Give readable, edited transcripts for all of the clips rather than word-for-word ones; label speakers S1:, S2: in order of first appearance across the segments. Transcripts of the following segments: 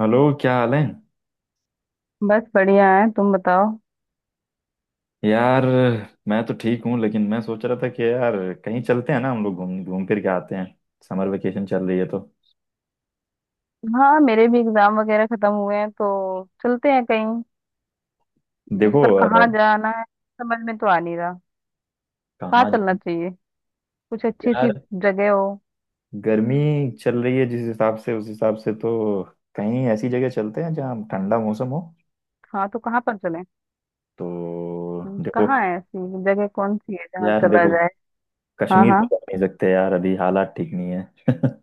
S1: Hello, क्या हाल है?
S2: बस बढ़िया है, तुम बताओ।
S1: यार, मैं तो ठीक हूँ लेकिन मैं सोच रहा था कि यार, कहीं चलते हैं ना। हम लोग घूम घूम फिर के आते हैं। समर वेकेशन चल रही है। तो
S2: हाँ मेरे भी एग्जाम वगैरह खत्म हुए हैं तो चलते हैं कहीं।
S1: देखो,
S2: पर कहाँ जाना है समझ में तो आ नहीं रहा। कहाँ
S1: कहाँ
S2: चलना
S1: जाना?
S2: चाहिए, कुछ अच्छी सी
S1: यार,
S2: जगह हो।
S1: गर्मी चल रही है जिस हिसाब से, उस हिसाब से तो कहीं ऐसी जगह चलते हैं जहाँ ठंडा मौसम हो।
S2: हाँ तो कहाँ पर चलें।
S1: तो देखो,
S2: कहाँ है ऐसी जगह, कौन सी है जहाँ
S1: यार
S2: चला
S1: देखो,
S2: जाए। हाँ
S1: कश्मीर तो
S2: हाँ।
S1: जा नहीं सकते यार, अभी हालात ठीक नहीं है।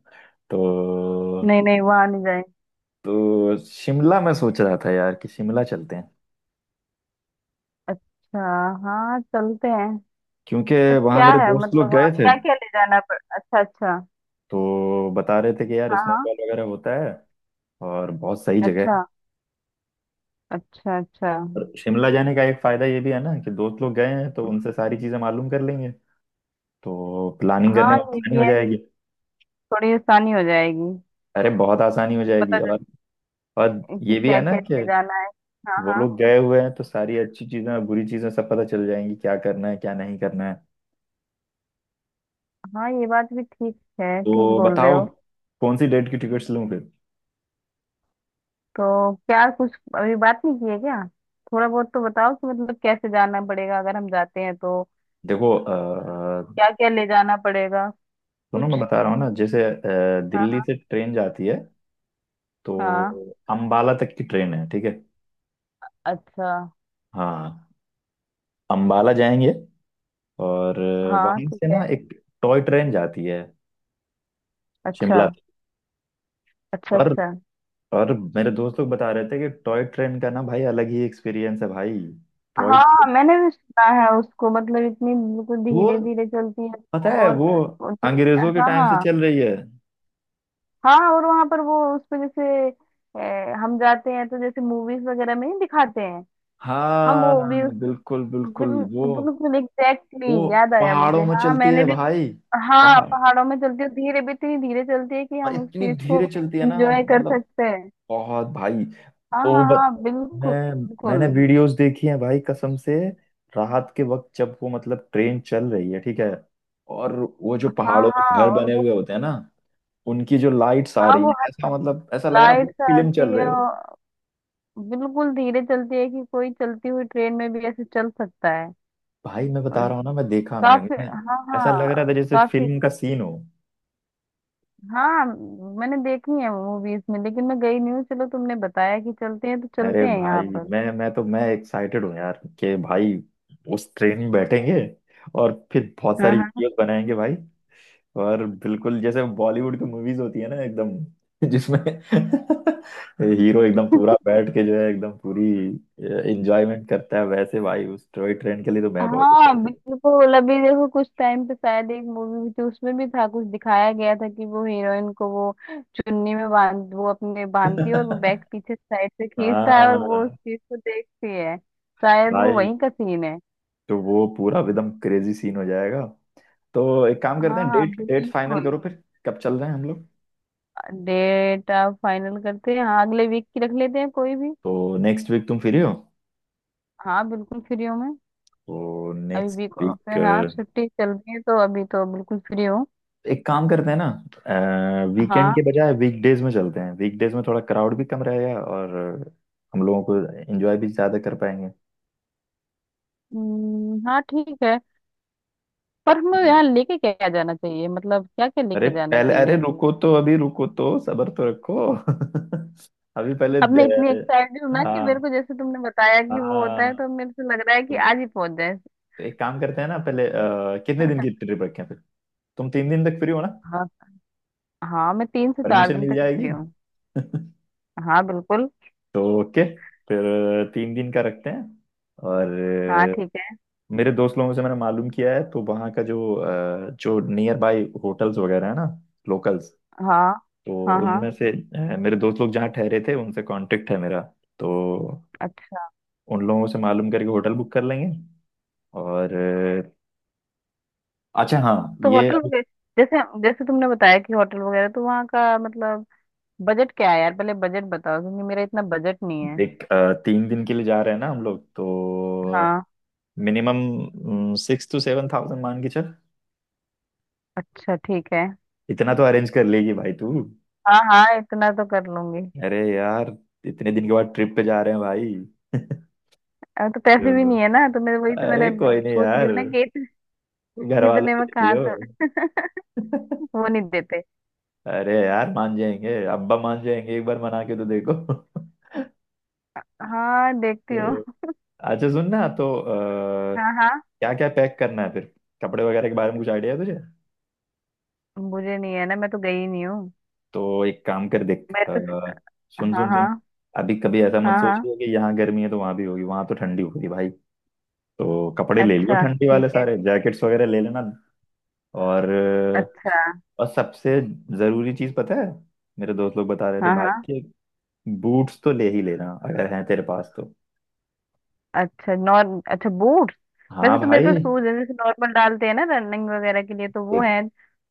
S1: तो
S2: नहीं नहीं, वहाँ नहीं जाएंगे।
S1: शिमला, मैं सोच रहा था यार कि शिमला चलते हैं।
S2: अच्छा, हाँ चलते हैं।
S1: क्योंकि
S2: पर
S1: वहां
S2: क्या
S1: मेरे
S2: है,
S1: दोस्त
S2: मतलब
S1: लोग
S2: वहाँ
S1: गए थे
S2: क्या क्या ले जाना पड़। अच्छा अच्छा।
S1: तो बता रहे थे कि यार,
S2: हाँ हाँ।
S1: स्नोफॉल वगैरह होता है और बहुत सही जगह
S2: अच्छा,
S1: है।
S2: अच्छा अच्छा।
S1: और शिमला जाने का एक फायदा ये भी है ना कि दोस्त लोग गए हैं तो उनसे सारी चीजें मालूम कर लेंगे, तो प्लानिंग करने
S2: हाँ
S1: में
S2: ये
S1: आसानी
S2: भी
S1: हो
S2: है,
S1: जाएगी।
S2: थोड़ी आसानी हो जाएगी।
S1: अरे, बहुत आसानी हो
S2: फिर
S1: जाएगी।
S2: पता
S1: और और
S2: कि
S1: ये भी
S2: क्या
S1: है ना
S2: क्या
S1: कि
S2: ले जाना है। हाँ
S1: वो
S2: हाँ।
S1: लोग गए हुए हैं तो सारी अच्छी चीजें और बुरी चीजें सब पता चल जाएंगी, क्या करना है क्या नहीं करना है।
S2: हाँ ये बात भी ठीक है, ठीक
S1: तो
S2: बोल रहे
S1: बताओ,
S2: हो।
S1: कौन सी डेट की टिकट्स लूँ फिर?
S2: तो क्या कुछ अभी बात नहीं की है क्या। थोड़ा बहुत तो बताओ कि मतलब कैसे जाना पड़ेगा अगर हम जाते हैं तो,
S1: देखो,
S2: क्या क्या ले जाना पड़ेगा
S1: सुनो,
S2: कुछ।
S1: मैं बता रहा हूँ ना। जैसे दिल्ली
S2: हाँ
S1: से ट्रेन जाती है, तो
S2: हाँ।
S1: अंबाला तक की ट्रेन है, ठीक है?
S2: अच्छा,
S1: हाँ, अंबाला जाएंगे। और
S2: हाँ
S1: वहां
S2: ठीक
S1: से
S2: है।
S1: ना एक टॉय ट्रेन जाती है
S2: अच्छा
S1: शिमला तक।
S2: अच्छा।
S1: और
S2: अच्छा
S1: मेरे दोस्त लोग बता रहे थे कि टॉय ट्रेन का ना भाई अलग ही एक्सपीरियंस है भाई। टॉय
S2: हाँ
S1: ट्रेन,
S2: मैंने भी सुना है उसको, मतलब इतनी बिल्कुल
S1: वो,
S2: धीरे धीरे चलती है।
S1: पता
S2: वो
S1: है
S2: और
S1: वो
S2: वो धी-
S1: अंग्रेजों के
S2: हाँ
S1: टाइम से
S2: हाँ।
S1: चल रही है।
S2: हाँ और वहां पर वो उस पे जैसे हम जाते हैं तो जैसे मूवीज वगैरह में ही दिखाते हैं। हम
S1: हाँ,
S2: वो भी उस
S1: बिल्कुल बिल्कुल। वो
S2: बिल्कुल एग्जैक्टली।
S1: वो
S2: याद आया मुझे,
S1: पहाड़ों में
S2: हाँ
S1: चलती
S2: मैंने
S1: है
S2: भी।
S1: भाई।
S2: हाँ
S1: पहाड़,
S2: पहाड़ों में चलती है, धीरे भी इतनी धीरे चलती है कि
S1: और
S2: हम उस
S1: इतनी
S2: चीज को
S1: धीरे चलती है ना,
S2: एंजॉय कर
S1: मतलब
S2: सकते हैं।
S1: बहुत भाई।
S2: हाँ
S1: ओ
S2: हाँ
S1: बत,
S2: हाँ, बिल्कुल।
S1: मैं, मैंने
S2: बिल्कुल।
S1: वीडियोस देखी हैं भाई, कसम से। रात के वक्त जब वो मतलब ट्रेन चल रही है, ठीक है। और वो जो
S2: हाँ
S1: पहाड़ों में
S2: हाँ
S1: घर
S2: और
S1: बने
S2: वो,
S1: हुए होते हैं ना, उनकी जो लाइट्स आ
S2: हाँ
S1: रही
S2: वो
S1: हैं, ऐसा मतलब ऐसा लग रहा है
S2: लाइट
S1: बहुत
S2: सा
S1: फिल्म चल
S2: आती है
S1: रहे हो।
S2: और बिल्कुल धीरे चलती है कि कोई चलती हुई ट्रेन में भी ऐसे चल सकता है।
S1: भाई मैं
S2: और
S1: बता रहा हूँ ना, मैं देखा,
S2: काफी,
S1: मैंने,
S2: हाँ
S1: ऐसा लग रहा
S2: हाँ
S1: था जैसे
S2: काफी।
S1: फिल्म का सीन हो।
S2: हाँ मैंने देखी है मूवीज में, लेकिन मैं गई नहीं हूँ। चलो तुमने बताया कि चलते हैं तो
S1: अरे
S2: चलते हैं यहाँ
S1: भाई,
S2: पर।
S1: मैं तो मैं एक्साइटेड हूँ यार कि भाई उस ट्रेन में बैठेंगे और फिर बहुत
S2: हाँ
S1: सारी
S2: हाँ।
S1: वीडियोस बनाएंगे भाई। और बिल्कुल जैसे बॉलीवुड की मूवीज होती है ना एकदम, जिसमें हीरो एकदम पूरा बैठ के जो है एकदम पूरी एंजॉयमेंट करता है, वैसे भाई उस टॉय ट्रेन के लिए तो मैं बहुत
S2: हाँ
S1: एक्साइटेड
S2: बिल्कुल, अभी देखो कुछ टाइम पे शायद एक मूवी भी थी, उसमें भी था, कुछ दिखाया गया था कि वो हीरोइन को वो चुन्नी में बांध वो अपने
S1: हूँ।
S2: बांधती है, और वो बैग पीछे साइड से खींचता है और वो उस
S1: हाँ
S2: चीज को देखती है, शायद वो
S1: भाई,
S2: वही का सीन है।
S1: तो वो पूरा एकदम क्रेजी सीन हो जाएगा। तो एक काम करते
S2: हाँ
S1: हैं,
S2: हाँ
S1: डेट डेट फाइनल
S2: बिल्कुल।
S1: करो, फिर कब चल रहे हैं हम लोग?
S2: डेट आप फाइनल करते हैं, हाँ अगले वीक की रख लेते हैं कोई भी।
S1: तो नेक्स्ट वीक तुम फ्री हो?
S2: हाँ बिल्कुल फ्री हूँ मैं।
S1: तो
S2: अभी
S1: नेक्स्ट
S2: वीक ऑफ
S1: वीक
S2: है, हाँ छुट्टी चल रही है तो अभी तो बिल्कुल फ्री हूँ।
S1: एक काम करते हैं ना, वीकेंड के
S2: हाँ।
S1: बजाय वीकडेज में चलते हैं। वीकडेज में थोड़ा क्राउड भी कम रहेगा और हम लोगों को एंजॉय भी ज्यादा कर पाएंगे।
S2: हाँ ठीक है। पर हमें यहाँ लेके क्या जाना चाहिए, मतलब क्या क्या
S1: अरे
S2: लेके जाना
S1: पहले, अरे
S2: चाहिए।
S1: रुको तो, अभी रुको तो, सब्र तो रखो। अभी पहले
S2: अब मैं इतनी एक्साइटेड हूँ ना कि मेरे
S1: हाँ
S2: को, जैसे तुमने बताया कि वो होता है,
S1: हाँ।
S2: तो मेरे को लग रहा है कि
S1: तो,
S2: आज ही पहुंच जाए।
S1: तो एक काम करते हैं ना, पहले कितने दिन की ट्रिप रखें फिर? तुम 3 दिन तक फ्री हो ना?
S2: हाँ। हाँ मैं तीन से चार
S1: परमिशन
S2: दिन
S1: मिल
S2: तक
S1: जाएगी।
S2: फ्री हूँ। हाँ बिल्कुल।
S1: तो ओके, फिर 3 दिन का रखते हैं। और
S2: हाँ ठीक है।
S1: मेरे दोस्त लोगों से मैंने मालूम किया है, तो वहाँ का जो जो नियर बाय होटल्स वगैरह है ना, लोकल्स,
S2: हाँ
S1: तो
S2: हाँ। हाँ।
S1: उनमें से मेरे दोस्त लोग जहाँ ठहरे थे उनसे कांटेक्ट है मेरा। तो
S2: अच्छा।
S1: उन लोगों से मालूम करके होटल बुक कर लेंगे। और अच्छा हाँ,
S2: तो
S1: ये
S2: होटल
S1: अब
S2: वगैरह, जैसे जैसे तुमने बताया कि होटल वगैरह तो वहाँ का मतलब बजट क्या है यार, पहले बजट बताओ क्योंकि मेरा इतना बजट नहीं है।
S1: देख, 3 दिन के लिए जा रहे हैं ना हम लोग, तो
S2: हाँ।
S1: मिनिमम 6-7 थाउजेंड मान के चल।
S2: अच्छा ठीक है।
S1: इतना तो अरेंज कर लेगी भाई तू।
S2: हाँ हाँ इतना तो कर लूंगी।
S1: अरे यार, इतने दिन के बाद ट्रिप पे जा रहे हैं भाई।
S2: अब तो पैसे भी
S1: तो
S2: नहीं है ना, तो मैं वही तो मैंने
S1: अरे, कोई नहीं
S2: सोच रही
S1: यार,
S2: हूँ ना कि
S1: घर वालों
S2: इतने
S1: के
S2: में
S1: लिए
S2: कहाँ
S1: हो।
S2: से। वो नहीं देते।
S1: अरे यार, मान जाएंगे, अब्बा मान जाएंगे, एक बार मना के तो देखो।
S2: हाँ देखती हूँ।
S1: तो अच्छा, सुन ना, तो
S2: हाँ हाँ।
S1: क्या क्या पैक करना है फिर? कपड़े वगैरह के बारे में कुछ आइडिया है तुझे?
S2: मुझे नहीं है ना, मैं तो गई ही नहीं हूँ।
S1: तो एक काम कर, देख,
S2: मैं तो।
S1: सुन
S2: हाँ
S1: सुन सुन,
S2: हाँ।
S1: अभी कभी ऐसा मत
S2: हाँ हाँ।
S1: सोचिए कि यहाँ गर्मी है तो वहां भी होगी। वहां तो ठंडी होगी भाई। तो कपड़े ले लियो,
S2: अच्छा
S1: ठंडी
S2: ठीक
S1: वाले
S2: है।
S1: सारे जैकेट्स वगैरह ले लेना। और
S2: अच्छा।
S1: सबसे जरूरी चीज पता है, मेरे दोस्त लोग बता रहे थे
S2: हाँ
S1: भाई
S2: हाँ।
S1: कि बूट्स तो ले ही लेना, अगर हैं तेरे पास तो।
S2: अच्छा नॉर अच्छा बूट।
S1: हाँ
S2: वैसे तो मेरे
S1: भाई,
S2: पास शूज है, जैसे नॉर्मल डालते हैं ना रनिंग वगैरह के लिए, तो वो
S1: देख,
S2: है।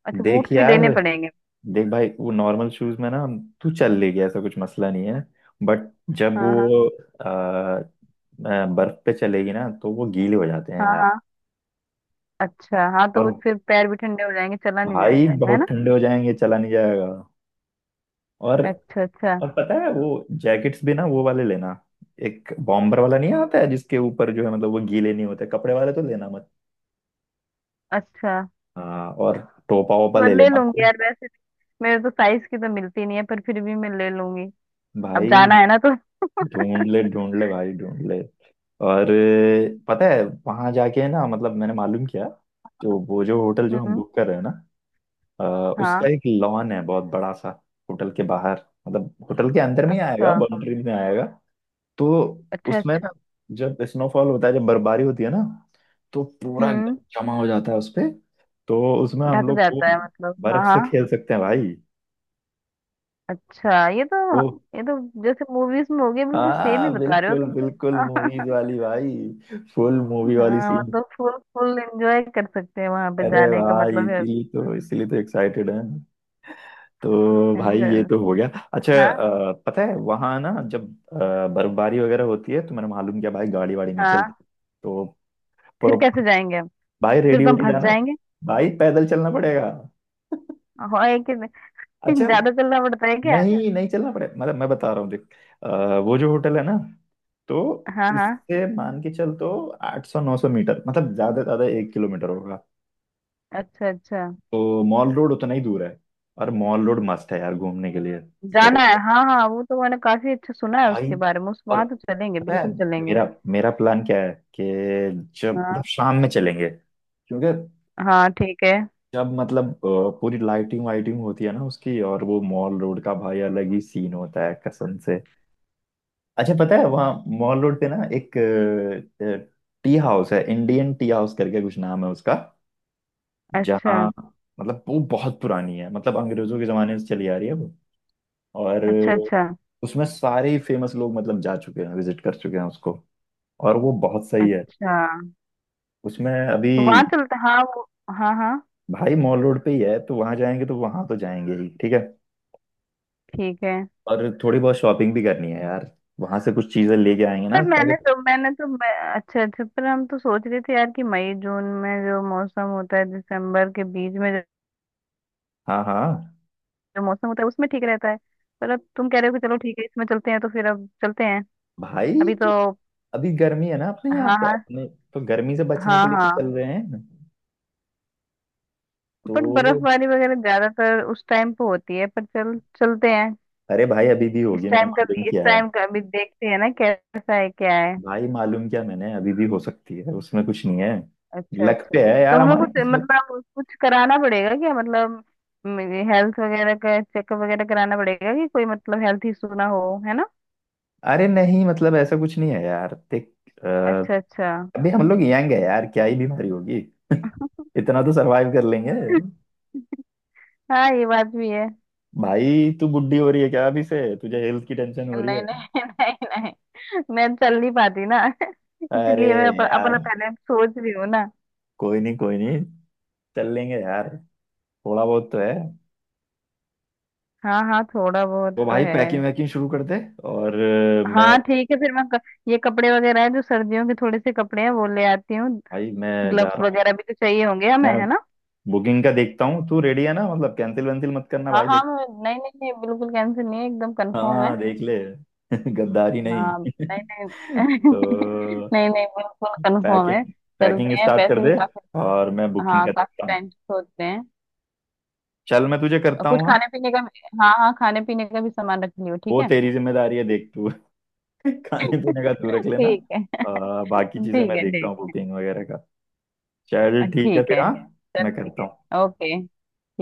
S2: अच्छा,
S1: देख
S2: बूट्स भी
S1: यार,
S2: लेने पड़ेंगे।
S1: देख भाई, वो नॉर्मल शूज में ना तू चल लेगी, ऐसा कुछ मसला नहीं है। बट जब
S2: हाँ हाँ।
S1: वो अ, बर्फ पे चलेगी ना तो वो गीले हो जाते हैं
S2: हाँ
S1: यार।
S2: हाँ। अच्छा हाँ, तो वो
S1: और
S2: फिर पैर भी ठंडे हो जाएंगे, चला नहीं
S1: भाई
S2: जाएगा, है
S1: बहुत
S2: ना।
S1: ठंडे हो जाएंगे, चला नहीं जाएगा। और
S2: अच्छा अच्छा।
S1: पता है, वो जैकेट्स भी ना, वो वाले लेना। एक बॉम्बर वाला नहीं आता है जिसके ऊपर जो है मतलब वो गीले नहीं होते, कपड़े वाले तो लेना मत।
S2: अच्छा।
S1: हाँ, और टोपा वोपा
S2: मैं
S1: ले
S2: ले
S1: लेना
S2: लूंगी
S1: भाई।
S2: यार, वैसे मेरे तो साइज की तो मिलती नहीं है, पर फिर भी मैं ले लूंगी। अब
S1: भाई
S2: जाना है ना तो।
S1: ढूंढ ले, ढूंढ ले भाई, ढूंढ ले। और पता है वहां जाके ना, मतलब मैंने मालूम किया, जो वो जो होटल जो हम
S2: हम्म,
S1: बुक कर रहे हैं ना, अ, उसका
S2: हाँ।
S1: एक लॉन है, बहुत बड़ा सा, होटल के बाहर, मतलब होटल के अंदर में ही आएगा,
S2: अच्छा
S1: बाउंड्री में आएगा। तो
S2: अच्छा।
S1: उसमें
S2: अच्छा।
S1: ना, जब स्नोफॉल होता है, जब बर्फबारी होती है ना, तो पूरा
S2: हम्म
S1: एकदम जमा हो जाता है उसपे। तो उसमें हम
S2: ढक
S1: लोग वो
S2: जाता है, मतलब हाँ
S1: बर्फ से
S2: हाँ।
S1: खेल सकते हैं भाई।
S2: अच्छा ये तो,
S1: वो
S2: ये तो जैसे मूवीज में हो गया, बिल्कुल सेम ही
S1: हाँ,
S2: बता रहे हो
S1: बिल्कुल
S2: तुम तो।
S1: बिल्कुल मूवीज वाली भाई, फुल मूवी
S2: हाँ
S1: वाली सीन।
S2: मतलब फुल फुल एंजॉय कर सकते हैं, वहां पे
S1: अरे
S2: जाने का
S1: भाई,
S2: मतलब है।
S1: इसीलिए तो, इसीलिए तो एक्साइटेड है। तो भाई, ये
S2: ऐसे-
S1: तो हो गया। अच्छा,
S2: हाँ
S1: पता है वहाँ ना, जब बर्फबारी वगैरह होती है, तो मैंने मालूम किया भाई, गाड़ी वाड़ी नहीं चलती।
S2: हाँ।
S1: तो पर
S2: फिर कैसे जाएंगे हम,
S1: भाई
S2: फिर
S1: रेडी
S2: तो हम
S1: होके
S2: फंस
S1: जाना,
S2: जाएंगे।
S1: भाई पैदल चलना पड़ेगा।
S2: हाँ एक।
S1: अच्छा
S2: ज्यादा चलना पड़ता है क्या।
S1: नहीं, नहीं चलना पड़ेगा मतलब, मैं बता रहा हूँ, देख, अ, वो जो होटल है ना, तो
S2: हाँ हाँ।
S1: उससे मान के चल तो 800-900 मीटर, मतलब ज्यादा से ज्यादा 1 किलोमीटर होगा।
S2: अच्छा अच्छा।
S1: तो मॉल रोड उतना ही दूर है। और मॉल रोड मस्त है यार घूमने के लिए। तो
S2: जाना है, हाँ हाँ, वो तो मैंने काफी अच्छा सुना है
S1: भाई,
S2: उसके बारे में उस,
S1: और
S2: वहां तो चलेंगे,
S1: पता है
S2: बिल्कुल चलेंगे।
S1: मेरा, मेरा प्लान क्या है कि जब
S2: हाँ
S1: मतलब शाम में चलेंगे, क्योंकि
S2: हाँ ठीक है।
S1: जब मतलब पूरी लाइटिंग वाइटिंग होती है ना उसकी, और वो मॉल रोड का भाई अलग ही सीन होता है कसम से। अच्छा, पता है वहाँ मॉल रोड पे ना एक टी हाउस है, इंडियन टी हाउस करके कुछ नाम है उसका।
S2: अच्छा
S1: जहाँ, मतलब वो बहुत पुरानी है, मतलब अंग्रेजों के जमाने से चली आ रही है वो। और
S2: अच्छा। अच्छा
S1: उसमें सारे ही फेमस लोग मतलब जा चुके हैं, विजिट कर चुके हैं उसको। और वो बहुत सही है।
S2: अच्छा।
S1: उसमें अभी
S2: तो वहां चलते, हाँ वो। हाँ हाँ
S1: भाई मॉल रोड पे ही है, तो वहाँ जाएंगे, तो वहाँ तो जाएंगे ही, ठीक है।
S2: ठीक है।
S1: और थोड़ी बहुत शॉपिंग भी करनी है यार, वहां से कुछ चीजें लेके आएंगे ना
S2: पर
S1: ताकि।
S2: मैंने तो मैं, अच्छा अच्छा, पर हम तो सोच रहे थे यार कि मई जून में जो मौसम होता है, दिसंबर के बीच में जो,
S1: हाँ हाँ
S2: जो मौसम होता है उसमें ठीक रहता है। पर अब तुम कह रहे हो कि चलो ठीक है इसमें चलते हैं, तो फिर अब चलते हैं।
S1: भाई,
S2: अभी तो।
S1: अभी गर्मी है ना अपने यहाँ,
S2: हाँ
S1: तो
S2: हाँ।
S1: अपने, तो गर्मी से बचने के
S2: हाँ
S1: लिए तो
S2: हाँ।
S1: चल रहे हैं तो।
S2: पर बर्फबारी वगैरह ज्यादातर उस टाइम पे होती है, पर चल चलते हैं।
S1: अरे भाई, अभी भी
S2: इस
S1: होगी, मैंने
S2: टाइम का,
S1: मालूम
S2: इस
S1: किया है।
S2: टाइम का अभी देखते हैं ना कैसा है क्या है।
S1: भाई मालूम क्या मैंने, अभी भी हो सकती है, उसमें कुछ नहीं है।
S2: अच्छा
S1: लक
S2: अच्छा।
S1: पे है
S2: तो
S1: यार,
S2: हमें
S1: हमारी
S2: कुछ
S1: किस्मत।
S2: मतलब कुछ कराना पड़ेगा क्या, मतलब हेल्थ वगैरह का चेकअप वगैरह कराना पड़ेगा कि कोई मतलब हेल्थ इशू ना हो, है ना।
S1: अरे नहीं, मतलब ऐसा कुछ नहीं है यार, देख, अ,
S2: अच्छा अच्छा।
S1: अभी हम लोग यंग है यार, क्या ही बीमारी होगी, इतना तो सरवाइव कर लेंगे।
S2: हाँ ये बात भी है।
S1: भाई, तू बुढ़ी हो रही है क्या, अभी से तुझे हेल्थ की टेंशन हो रही
S2: नहीं
S1: है?
S2: नहीं, नहीं नहीं, मैं चल नहीं पाती ना
S1: अरे
S2: इसलिए मैं अपना
S1: यार
S2: पहले सोच रही हूँ ना।
S1: कोई नहीं, कोई नहीं, चल लेंगे यार। थोड़ा बहुत तो है।
S2: हाँ हाँ, थोड़ा बहुत
S1: तो
S2: तो
S1: भाई
S2: है।
S1: पैकिंग वैकिंग शुरू कर दे। और मैं,
S2: हाँ ठीक है, फिर मैं ये कपड़े वगैरह है जो सर्दियों के, थोड़े से कपड़े हैं वो ले आती हूँ।
S1: भाई मैं जा
S2: ग्लव्स
S1: रहा हूँ।
S2: वगैरह भी तो चाहिए होंगे हमें,
S1: मैं
S2: है ना।
S1: बुकिंग का देखता हूँ, तू रेडी है ना मतलब, कैंसिल वैंसिल मत करना
S2: हाँ
S1: भाई,
S2: हाँ
S1: देख।
S2: नहीं नहीं नहीं, बिल्कुल कैंसिल नहीं है, एकदम कंफर्म है।
S1: हाँ, देख ले। गद्दारी नहीं।
S2: हाँ। नहीं। नहीं।
S1: तो
S2: नहीं नहीं बिल्कुल कंफर्म है।
S1: पैकिंग, पैकिंग
S2: चलते हैं
S1: स्टार्ट कर
S2: वैसे भी
S1: दे
S2: काफी,
S1: और मैं बुकिंग
S2: हाँ
S1: का
S2: काफी
S1: देखता हूँ।
S2: टाइम से सोचते हैं।
S1: चल, मैं तुझे
S2: और
S1: करता
S2: कुछ
S1: हूँ हाँ।
S2: खाने पीने का हाँ हाँ, खाने पीने का भी सामान रख लियो, ठीक
S1: वो
S2: है।
S1: तेरी जिम्मेदारी है, देख तू। खाने पीने का तू रख लेना।
S2: ठीक है।
S1: बाकी चीजें
S2: ठीक
S1: मैं
S2: है।
S1: देखता हूँ,
S2: ठीक,
S1: बुकिंग वगैरह का। चल ठीक है
S2: ठीक
S1: फिर,
S2: है,
S1: हाँ,
S2: चल
S1: मैं
S2: ठीक
S1: करता हूँ।
S2: है, ओके।